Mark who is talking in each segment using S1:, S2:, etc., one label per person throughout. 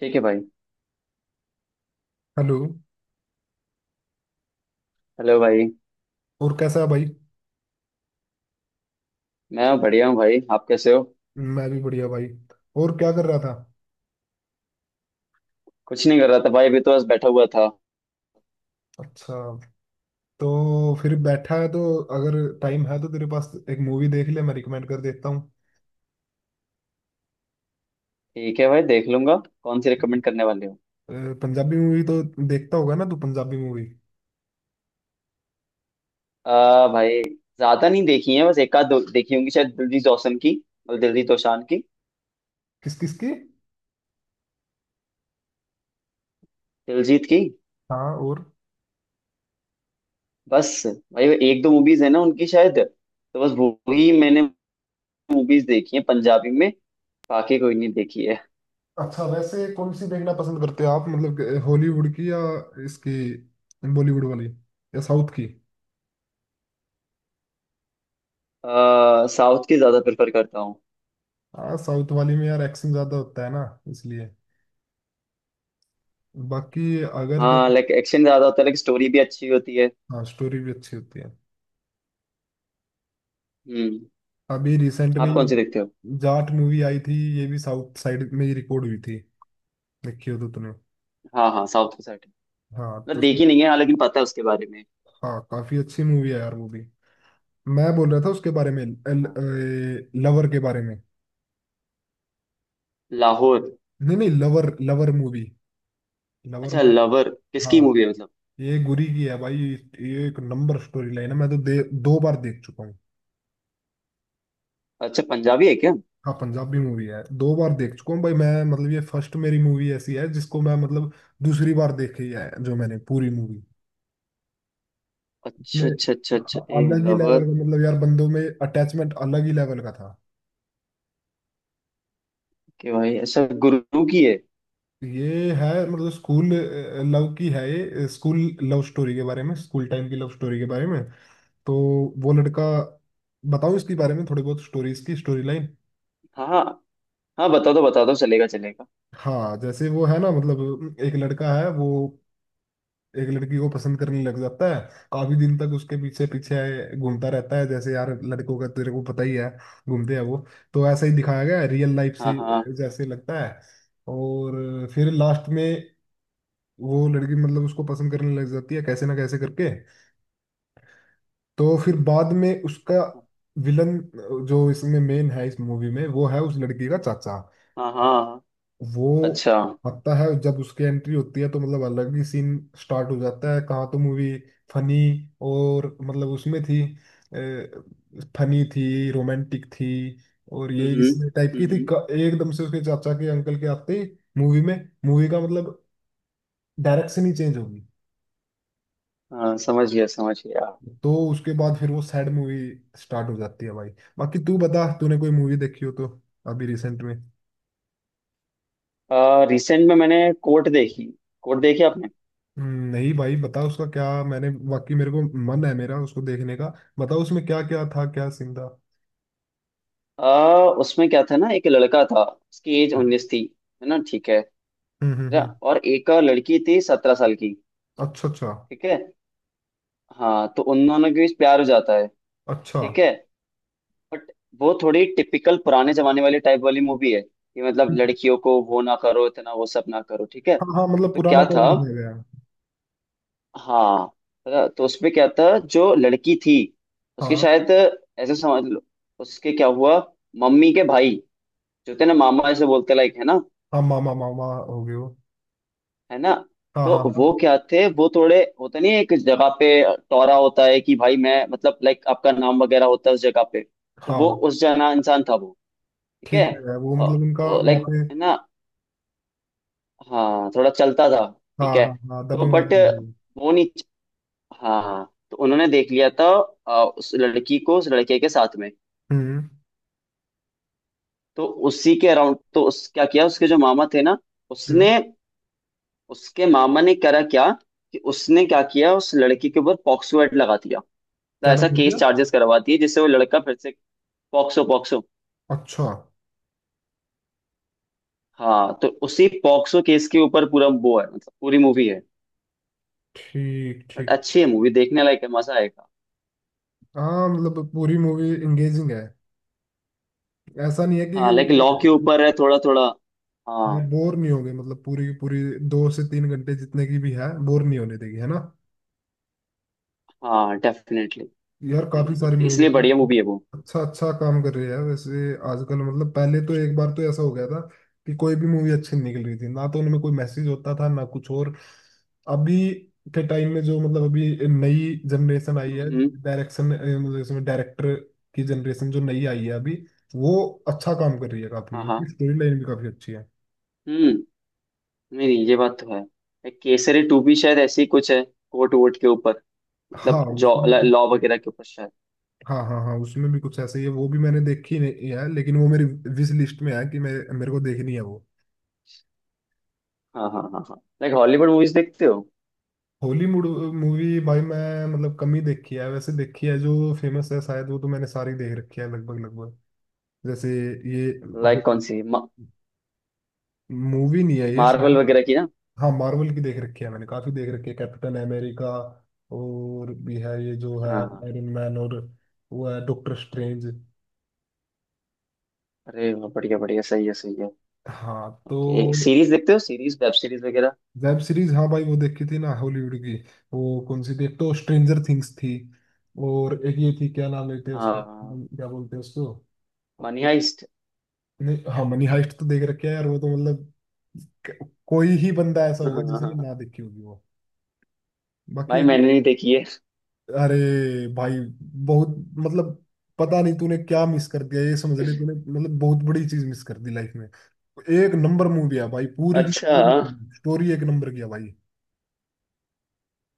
S1: ठीक है भाई।
S2: हेलो।
S1: हेलो भाई।
S2: और कैसा है भाई।
S1: मैं बढ़िया हूँ भाई, आप कैसे हो?
S2: मैं भी बढ़िया भाई। और क्या कर रहा था।
S1: कुछ नहीं कर रहा था भाई, अभी तो बस बैठा हुआ था।
S2: अच्छा, तो फिर बैठा है तो, अगर टाइम है तो तेरे पास, एक मूवी देख ले, मैं रिकमेंड कर देता हूँ।
S1: ठीक है भाई, देख लूंगा। कौन सी रिकमेंड करने वाले हो?
S2: अ, पंजाबी मूवी तो देखता होगा ना तू, पंजाबी मूवी।
S1: आ भाई ज्यादा नहीं देखी है, बस एक आध दो देखी होंगी शायद दिलजीत दोसान की। मतलब दिलजीत दोसांझ की।
S2: किस किस की।
S1: दिलजीत की।
S2: हाँ, और?
S1: बस। भाई वो एक दो मूवीज है ना उनकी, शायद तो बस वो ही मैंने मूवीज देखी है पंजाबी में। बाकी कोई नहीं देखी है।
S2: अच्छा, वैसे कौन सी देखना पसंद करते हो आप, मतलब कि हॉलीवुड की या इसकी, बॉलीवुड वाली या साउथ की।
S1: आ साउथ की ज्यादा प्रेफर करता हूँ।
S2: हाँ, साउथ वाली में यार एक्शन ज्यादा होता है ना, इसलिए। बाकी अगर
S1: हाँ,
S2: तेरे।
S1: लाइक एक्शन ज्यादा होता है, लाइक स्टोरी भी अच्छी होती है।
S2: हाँ, स्टोरी भी अच्छी होती है।
S1: हम्म।
S2: अभी रिसेंट में
S1: आप कौन
S2: ये
S1: सी देखते हो?
S2: जाट मूवी आई थी, ये भी साउथ साइड में ही रिकॉर्ड हुई थी, देखी हो तो तूने।
S1: हाँ हाँ, साउथ की साइड है।
S2: हाँ तो
S1: मतलब
S2: उसमें।
S1: देखी नहीं है, हालांकि पता है उसके बारे में।
S2: हाँ, काफी अच्छी मूवी है यार वो भी। मैं बोल रहा था उसके बारे में,
S1: हाँ।
S2: लवर के बारे में।
S1: लाहौर।
S2: नहीं नहीं, लवर, लवर मूवी। लवर
S1: अच्छा,
S2: मूवी।
S1: लवर किसकी
S2: हाँ,
S1: मूवी है मतलब?
S2: ये गुरी की है भाई, ये एक नंबर स्टोरी लाइन है, मैं तो दो बार देख चुका हूँ।
S1: अच्छा, पंजाबी है क्या?
S2: हाँ, पंजाबी मूवी है, दो बार देख चुका हूँ भाई मैं, मतलब ये फर्स्ट मेरी मूवी ऐसी है जिसको मैं मतलब दूसरी बार देखी है, जो मैंने पूरी मूवी। इसमें
S1: अच्छा अच्छा अच्छा अच्छा, ए
S2: अलग ही लेवल
S1: लवर।
S2: का, मतलब यार बंदों में अटैचमेंट अलग ही लेवल का था।
S1: के भाई, अच्छा गुरु की है।
S2: ये है मतलब स्कूल लव की है, ये स्कूल लव स्टोरी के बारे में, स्कूल टाइम की लव स्टोरी के बारे में। तो वो लड़का, बताऊं इसके बारे में थोड़ी बहुत स्टोरीज की स्टोरी लाइन।
S1: हाँ हाँ हाँ, बता दो बता दो, चलेगा चलेगा।
S2: हाँ जैसे, वो है ना, मतलब एक लड़का है वो, एक लड़की को पसंद करने लग जाता है, काफी दिन तक उसके पीछे पीछे घूमता रहता है, जैसे यार लड़कों का तेरे को पता ही है, घूमते हैं वो। तो ऐसा ही दिखाया गया है, रियल लाइफ
S1: हाँ
S2: से
S1: हाँ
S2: जैसे लगता है। और फिर लास्ट में वो लड़की मतलब उसको पसंद करने लग जाती है, कैसे ना कैसे करके। तो फिर बाद में उसका विलन, जो इसमें मेन है इस मूवी में, वो है उस लड़की का चाचा।
S1: हाँ हाँ हाँ हाँ।
S2: वो
S1: अच्छा।
S2: आता है जब, उसकी एंट्री होती है तो मतलब अलग ही सीन स्टार्ट हो जाता है। कहाँ तो मूवी फनी, और मतलब उसमें थी, फनी थी, रोमांटिक थी, और ये
S1: हम्म
S2: इसमें टाइप की
S1: हम्म
S2: थी,
S1: हम्म,
S2: एकदम से उसके चाचा के अंकल के आते ही, मूवी में, मूवी का मतलब डायरेक्शन ही चेंज होगी।
S1: हाँ, समझ गया समझ गया।
S2: तो उसके बाद फिर वो सैड मूवी स्टार्ट हो जाती है भाई। बाकी तू बता, तूने कोई मूवी देखी हो तो, अभी रिसेंट में।
S1: रिसेंट में मैंने कोर्ट देखी। कोर्ट देखी आपने?
S2: हम्म, नहीं भाई, बता उसका क्या, मैंने वाकई मेरे को मन है मेरा उसको देखने का। बताओ उसमें क्या क्या था, क्या सीन था।
S1: उसमें क्या था ना, एक लड़का था। उसकी एज
S2: हम्म
S1: 19 थी। है ना, ठीक है। अच्छा,
S2: हम्म।
S1: और एक और लड़की थी 17 साल की।
S2: अच्छा अच्छा
S1: ठीक है। हाँ तो उन दोनों के बीच प्यार हो जाता है।
S2: अच्छा।
S1: ठीक है। बट वो थोड़ी टिपिकल पुराने जमाने वाली टाइप वाली मूवी है कि मतलब
S2: हम्म।
S1: लड़कियों को वो ना करो इतना वो सब ना करो, ठीक है
S2: हाँ हाँ, मतलब
S1: तो
S2: पुराना
S1: क्या
S2: टाइम
S1: था।
S2: दिखाया गया है।
S1: हाँ। तो उसमें क्या था, जो लड़की थी उसके
S2: हाँ
S1: शायद, ऐसे समझ लो, उसके क्या हुआ। मम्मी के भाई जो थे ना, मामा ऐसे बोलते लाइक है ना।
S2: हाँ, मामा मामा हो गए वो।
S1: है ना।
S2: हाँ
S1: तो
S2: हाँ
S1: वो क्या थे, वो थोड़े होता नहीं है एक जगह पे, टोरा होता है कि भाई मैं मतलब लाइक आपका नाम वगैरह होता है उस जगह पे, तो
S2: हाँ
S1: वो
S2: हाँ।
S1: उस जना इंसान था वो। ठीक है।
S2: ठीक है, वो मतलब उनका वहाँ
S1: लाइक
S2: पे।
S1: है ना। हाँ, थोड़ा चलता था।
S2: हाँ
S1: ठीक है।
S2: हाँ हाँ,
S1: तो
S2: दबंग
S1: बट
S2: आदमी है वो।
S1: वो नहीं। हाँ हाँ, तो उन्होंने देख लिया था। उस लड़की को उस लड़के के साथ में।
S2: हम्म
S1: तो उसी के अराउंड, तो उस क्या किया उसके जो मामा थे ना,
S2: हम्म।
S1: उसने, उसके मामा ने करा क्या, कि उसने क्या किया उस लड़की के ऊपर पॉक्सो एक्ट लगा दिया।
S2: क्या
S1: ऐसा
S2: लगा दिया।
S1: केस चार्जेस करवाती है जिससे वो लड़का फिर से। POCSO POCSO.
S2: अच्छा।
S1: हाँ तो उसी पॉक्सो केस के ऊपर पूरा वो है, मतलब पूरी मूवी है।
S2: ठीक
S1: बट
S2: ठीक।
S1: अच्छी है मूवी, देखने लायक है, मजा आएगा।
S2: हाँ मतलब पूरी मूवी एंगेजिंग है, ऐसा नहीं है
S1: हाँ, लाइक लॉ के
S2: कि।
S1: ऊपर है थोड़ा थोड़ा।
S2: हाँ,
S1: हाँ
S2: बोर नहीं होंगे, मतलब पूरी की पूरी 2 से 3 घंटे जितने की भी है, बोर नहीं होने देगी, है ना।
S1: हाँ, डेफिनेटली।
S2: यार काफी
S1: लाइक
S2: सारी मूवी
S1: इसलिए बढ़िया
S2: है,
S1: मूवी है वो।
S2: अच्छा अच्छा काम कर रही है वैसे आजकल। मतलब पहले तो एक बार तो ऐसा हो गया था, कि कोई भी मूवी अच्छी नहीं निकल रही थी ना, तो उनमें कोई मैसेज होता था ना कुछ और। अभी के टाइम में जो मतलब, अभी नई जनरेशन आई है,
S1: हम्म।
S2: डायरेक्शन, मतलब इसमें डायरेक्टर की जनरेशन जो नई आई है अभी, वो अच्छा काम कर रही है काफी,
S1: हाँ हाँ।
S2: इसकी स्टोरी लाइन भी काफी अच्छी है।
S1: हम्म, नहीं नहीं, ये बात तो है। एक केसरी टू भी शायद ऐसी ही कुछ है। कोर्ट वोट के ऊपर, मतलब
S2: हाँ
S1: जॉ,
S2: उसमें।
S1: लॉ वगैरह के ऊपर शायद।
S2: हाँ हाँ हाँ, उसमें भी कुछ ऐसा ही है, वो भी मैंने देखी नहीं है, लेकिन वो मेरी विश लिस्ट में है कि मैं, मेरे को देखनी है वो।
S1: हाँ हाँ हाँ हाँ, लाइक हॉलीवुड मूवीज देखते हो?
S2: हॉलीवुड मूवी भाई मैं मतलब कम ही देखी है, वैसे देखी है जो फेमस है शायद, वो तो मैंने सारी देख रखी है, लगभग लगभग। जैसे ये
S1: लाइक कौन सी?
S2: मूवी नहीं है ये
S1: मार्वल
S2: शायद।
S1: वगैरह की ना?
S2: हाँ, मार्वल की देख रखी है मैंने, काफी देख रखी है, कैप्टन अमेरिका और भी है, ये जो है
S1: हाँ।
S2: आयरन मैन और वो है, डॉक्टर स्ट्रेंज।
S1: अरे वाह, बढ़िया बढ़िया, सही है सही है।
S2: हाँ
S1: ओके,
S2: तो,
S1: सीरीज देखते हो? सीरीज वेब सीरीज वगैरह?
S2: वेब सीरीज हाँ भाई, वो देखी थी ना हॉलीवुड की, वो कौन सी थी, एक तो स्ट्रेंजर थिंग्स थी, और एक ये थी, क्या नाम लेते हैं उसका,
S1: हाँ।
S2: हम क्या बोलते हैं उसको।
S1: Money heist.
S2: नहीं, हाँ मनी हाइस्ट तो देख रखे है यार, वो तो मतलब कोई ही बंदा ऐसा होगा जिसने
S1: भाई,
S2: ना देखी होगी वो। बाकी एक,
S1: मैंने नहीं देखी है।
S2: अरे भाई बहुत मतलब, पता नहीं तूने क्या मिस कर दिया, ये समझ ले तूने मतलब बहुत बड़ी चीज मिस कर दी लाइफ में। एक नंबर मूवी है भाई, पूरी की
S1: अच्छा।
S2: पूरी स्टोरी एक नंबर की है भाई।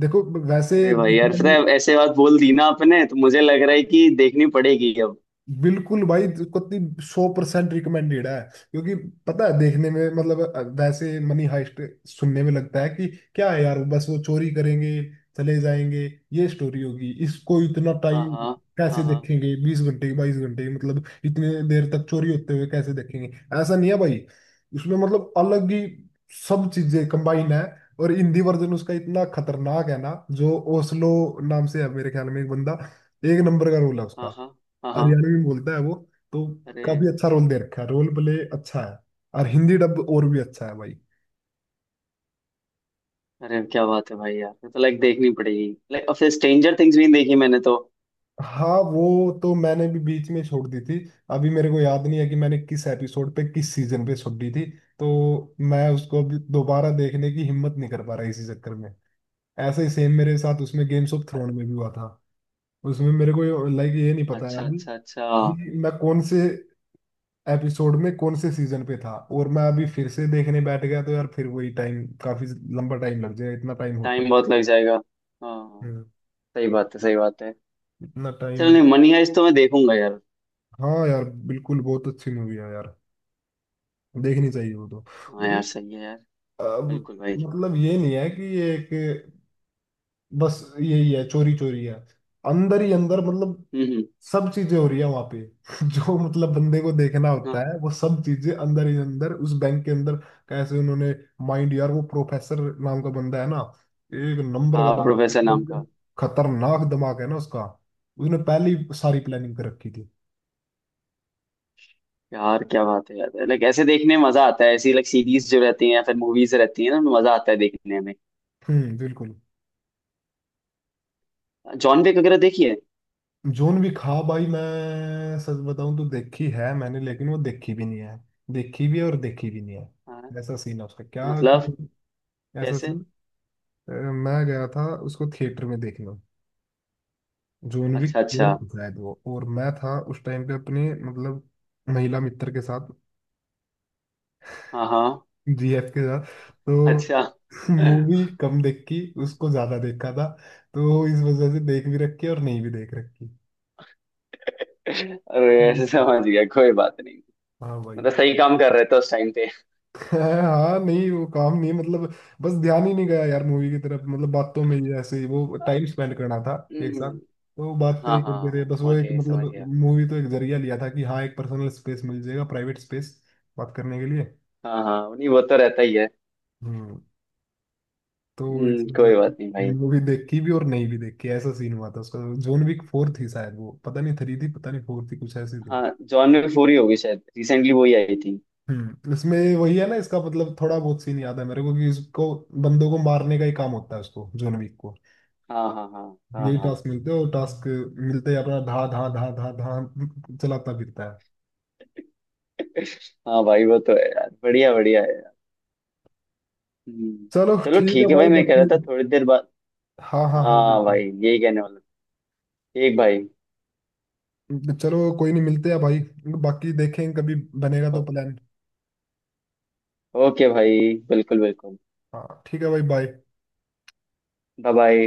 S2: देखो वैसे
S1: अरे भाई यार
S2: देखने
S1: पता
S2: में,
S1: है, ऐसे बात बोल दी ना आपने, तो मुझे लग रहा है कि देखनी पड़ेगी अब।
S2: बिल्कुल भाई इसको 100% रिकमेंडेड है, क्योंकि पता है देखने में मतलब, वैसे मनी हाइस्ट सुनने में लगता है कि क्या है यार, बस वो चोरी करेंगे चले जाएंगे ये स्टोरी होगी, इसको इतना
S1: हाँ
S2: टाइम
S1: हाँ हाँ
S2: कैसे
S1: हाँ
S2: देखेंगे, 20 घंटे 22 घंटे मतलब इतने देर तक चोरी होते हुए कैसे देखेंगे। ऐसा नहीं है भाई, उसमें मतलब अलग ही सब चीजें कंबाइन है, और हिंदी वर्जन उसका इतना खतरनाक है ना, जो ओस्लो नाम से है मेरे ख्याल में एक बंदा, एक नंबर का रोल है उसका,
S1: हाँ हाँ हाँ हाँ।
S2: हरियाणवी में बोलता है वो। तो
S1: अरे।
S2: काफी अच्छा रोल दे रखा है, रोल प्ले अच्छा है, और हिंदी डब और भी अच्छा है भाई।
S1: अरे क्या बात है भाई यार, ये तो लाइक देखनी पड़ेगी, लाइक और फिर स्ट्रेंजर थिंग्स भी नहीं देखी मैंने तो।
S2: हाँ वो तो मैंने भी बीच में छोड़ दी थी, अभी मेरे को याद नहीं है कि मैंने किस एपिसोड पे किस सीजन पे छोड़ दी थी, तो मैं उसको अभी दोबारा देखने की हिम्मत नहीं कर पा रहा इसी चक्कर में। ऐसे ही सेम मेरे साथ उसमें गेम्स ऑफ थ्रोन में भी हुआ था, उसमें मेरे को लाइक ये नहीं पता है
S1: अच्छा
S2: अभी
S1: अच्छा अच्छा।
S2: कि मैं कौन से एपिसोड में कौन से सीजन पे था, और मैं अभी फिर से देखने बैठ गया तो यार फिर वही टाइम, काफी लंबा टाइम लग जाएगा, इतना टाइम होता
S1: टाइम
S2: है?
S1: बहुत लग जाएगा। हाँ हाँ,
S2: हम्म,
S1: सही बात है सही बात है।
S2: इतना
S1: चल
S2: टाइम।
S1: नहीं, मनी हाइस्ट तो मैं देखूंगा यार।
S2: हाँ यार बिल्कुल, बहुत अच्छी मूवी है यार, देखनी चाहिए वो तो।
S1: हाँ यार,
S2: मतलब
S1: सही है यार।
S2: अ,
S1: बिल्कुल भाई।
S2: मतलब ये नहीं है कि ये एक, बस यही है, चोरी चोरी है अंदर ही अंदर, मतलब
S1: हम्म हम्म,
S2: सब चीजें हो रही है वहां पे जो मतलब बंदे को देखना
S1: हाँ।
S2: होता है, वो सब चीजें अंदर ही अंदर उस बैंक के अंदर, कैसे उन्होंने माइंड, यार वो प्रोफेसर नाम का बंदा है ना, एक नंबर का
S1: हाँ, प्रोफेसर नाम
S2: बंदा,
S1: का।
S2: खतरनाक दिमाग है ना उसका, उसने पहले ही सारी प्लानिंग कर रखी थी।
S1: यार क्या बात है यार, लाइक ऐसे देखने में मजा आता है, ऐसी लाइक सीरीज जो रहती हैं या फिर मूवीज रहती हैं ना उनमें मजा आता है देखने में।
S2: हम्म, बिल्कुल।
S1: जॉन विक वगैरह देखी है?
S2: जोन भी खा भाई, मैं सच बताऊं तो देखी है मैंने, लेकिन वो देखी भी नहीं है, देखी भी है और देखी भी नहीं
S1: हाँ।
S2: है। ऐसा सीन है उसका क्या,
S1: मतलब,
S2: ऐसा
S1: कैसे?
S2: सीन, मैं गया था उसको थिएटर में देखने, जोनवी
S1: अच्छा
S2: कपूर
S1: अच्छा।
S2: था शायद वो, और मैं था उस टाइम पे अपने मतलब महिला मित्र के साथ,
S1: हाँ हाँ।
S2: जीएफ के साथ, तो
S1: अच्छा। अरे।
S2: मूवी कम देखी, उसको ज्यादा देखा था, तो इस वजह से देख भी रखी और नहीं भी देख रखी।
S1: ऐसे
S2: हम्म।
S1: समझ गया, कोई बात नहीं।
S2: हाँ भाई।
S1: मतलब सही काम कर रहे थे उस टाइम पे।
S2: हाँ नहीं, वो काम नहीं है, मतलब बस ध्यान ही नहीं गया यार मूवी की तरफ, मतलब बातों में ही ऐसे ही वो टाइम स्पेंड करना था एक साथ,
S1: हम्म,
S2: तो बातें
S1: हाँ
S2: ही करते रहे
S1: हाँ,
S2: बस, वो एक
S1: ओके समझ
S2: मतलब
S1: गया।
S2: मूवी तो एक जरिया लिया था कि हाँ एक पर्सनल स्पेस मिल जाएगा, प्राइवेट स्पेस बात करने के लिए।
S1: हाँ हाँ नहीं, वो तो रहता ही है।
S2: हम्म, तो इस वजह
S1: कोई
S2: से
S1: बात नहीं भाई।
S2: मूवी देखी भी और नहीं भी देखी, ऐसा सीन हुआ था उसका। जोन विक 4 थी शायद वो, पता नहीं थ्री थी पता नहीं फोर थी, कुछ ऐसी थी।
S1: हाँ, जॉन में फूरी होगी शायद, रिसेंटली वही आई थी।
S2: हम्म, इसमें वही है ना इसका, मतलब थोड़ा बहुत सीन याद है मेरे को कि इसको, बंदों को मारने का ही काम होता है उसको जोन विक को,
S1: हाँ हाँ हाँ हाँ
S2: यही
S1: हाँ।
S2: टास्क मिलते हैं, और टास्क मिलते ही अपना धा धा धा धा धा चलाता फिरता है।
S1: हाँ भाई वो तो है यार, बढ़िया बढ़िया है यार। हम्म,
S2: चलो
S1: चलो
S2: ठीक है
S1: ठीक है
S2: भाई,
S1: भाई, मैं कह रहा
S2: बाकी
S1: था थोड़ी देर बाद।
S2: हाँ हाँ हाँ
S1: हाँ भाई,
S2: बिल्कुल।
S1: यही कहने वाला था। ठीक भाई।
S2: चलो कोई नहीं, मिलते हैं भाई, बाकी देखें कभी, बनेगा तो
S1: ओ-
S2: प्लान।
S1: ओके भाई बिल्कुल बिल्कुल।
S2: हाँ ठीक है भाई, बाय।
S1: Bye bye.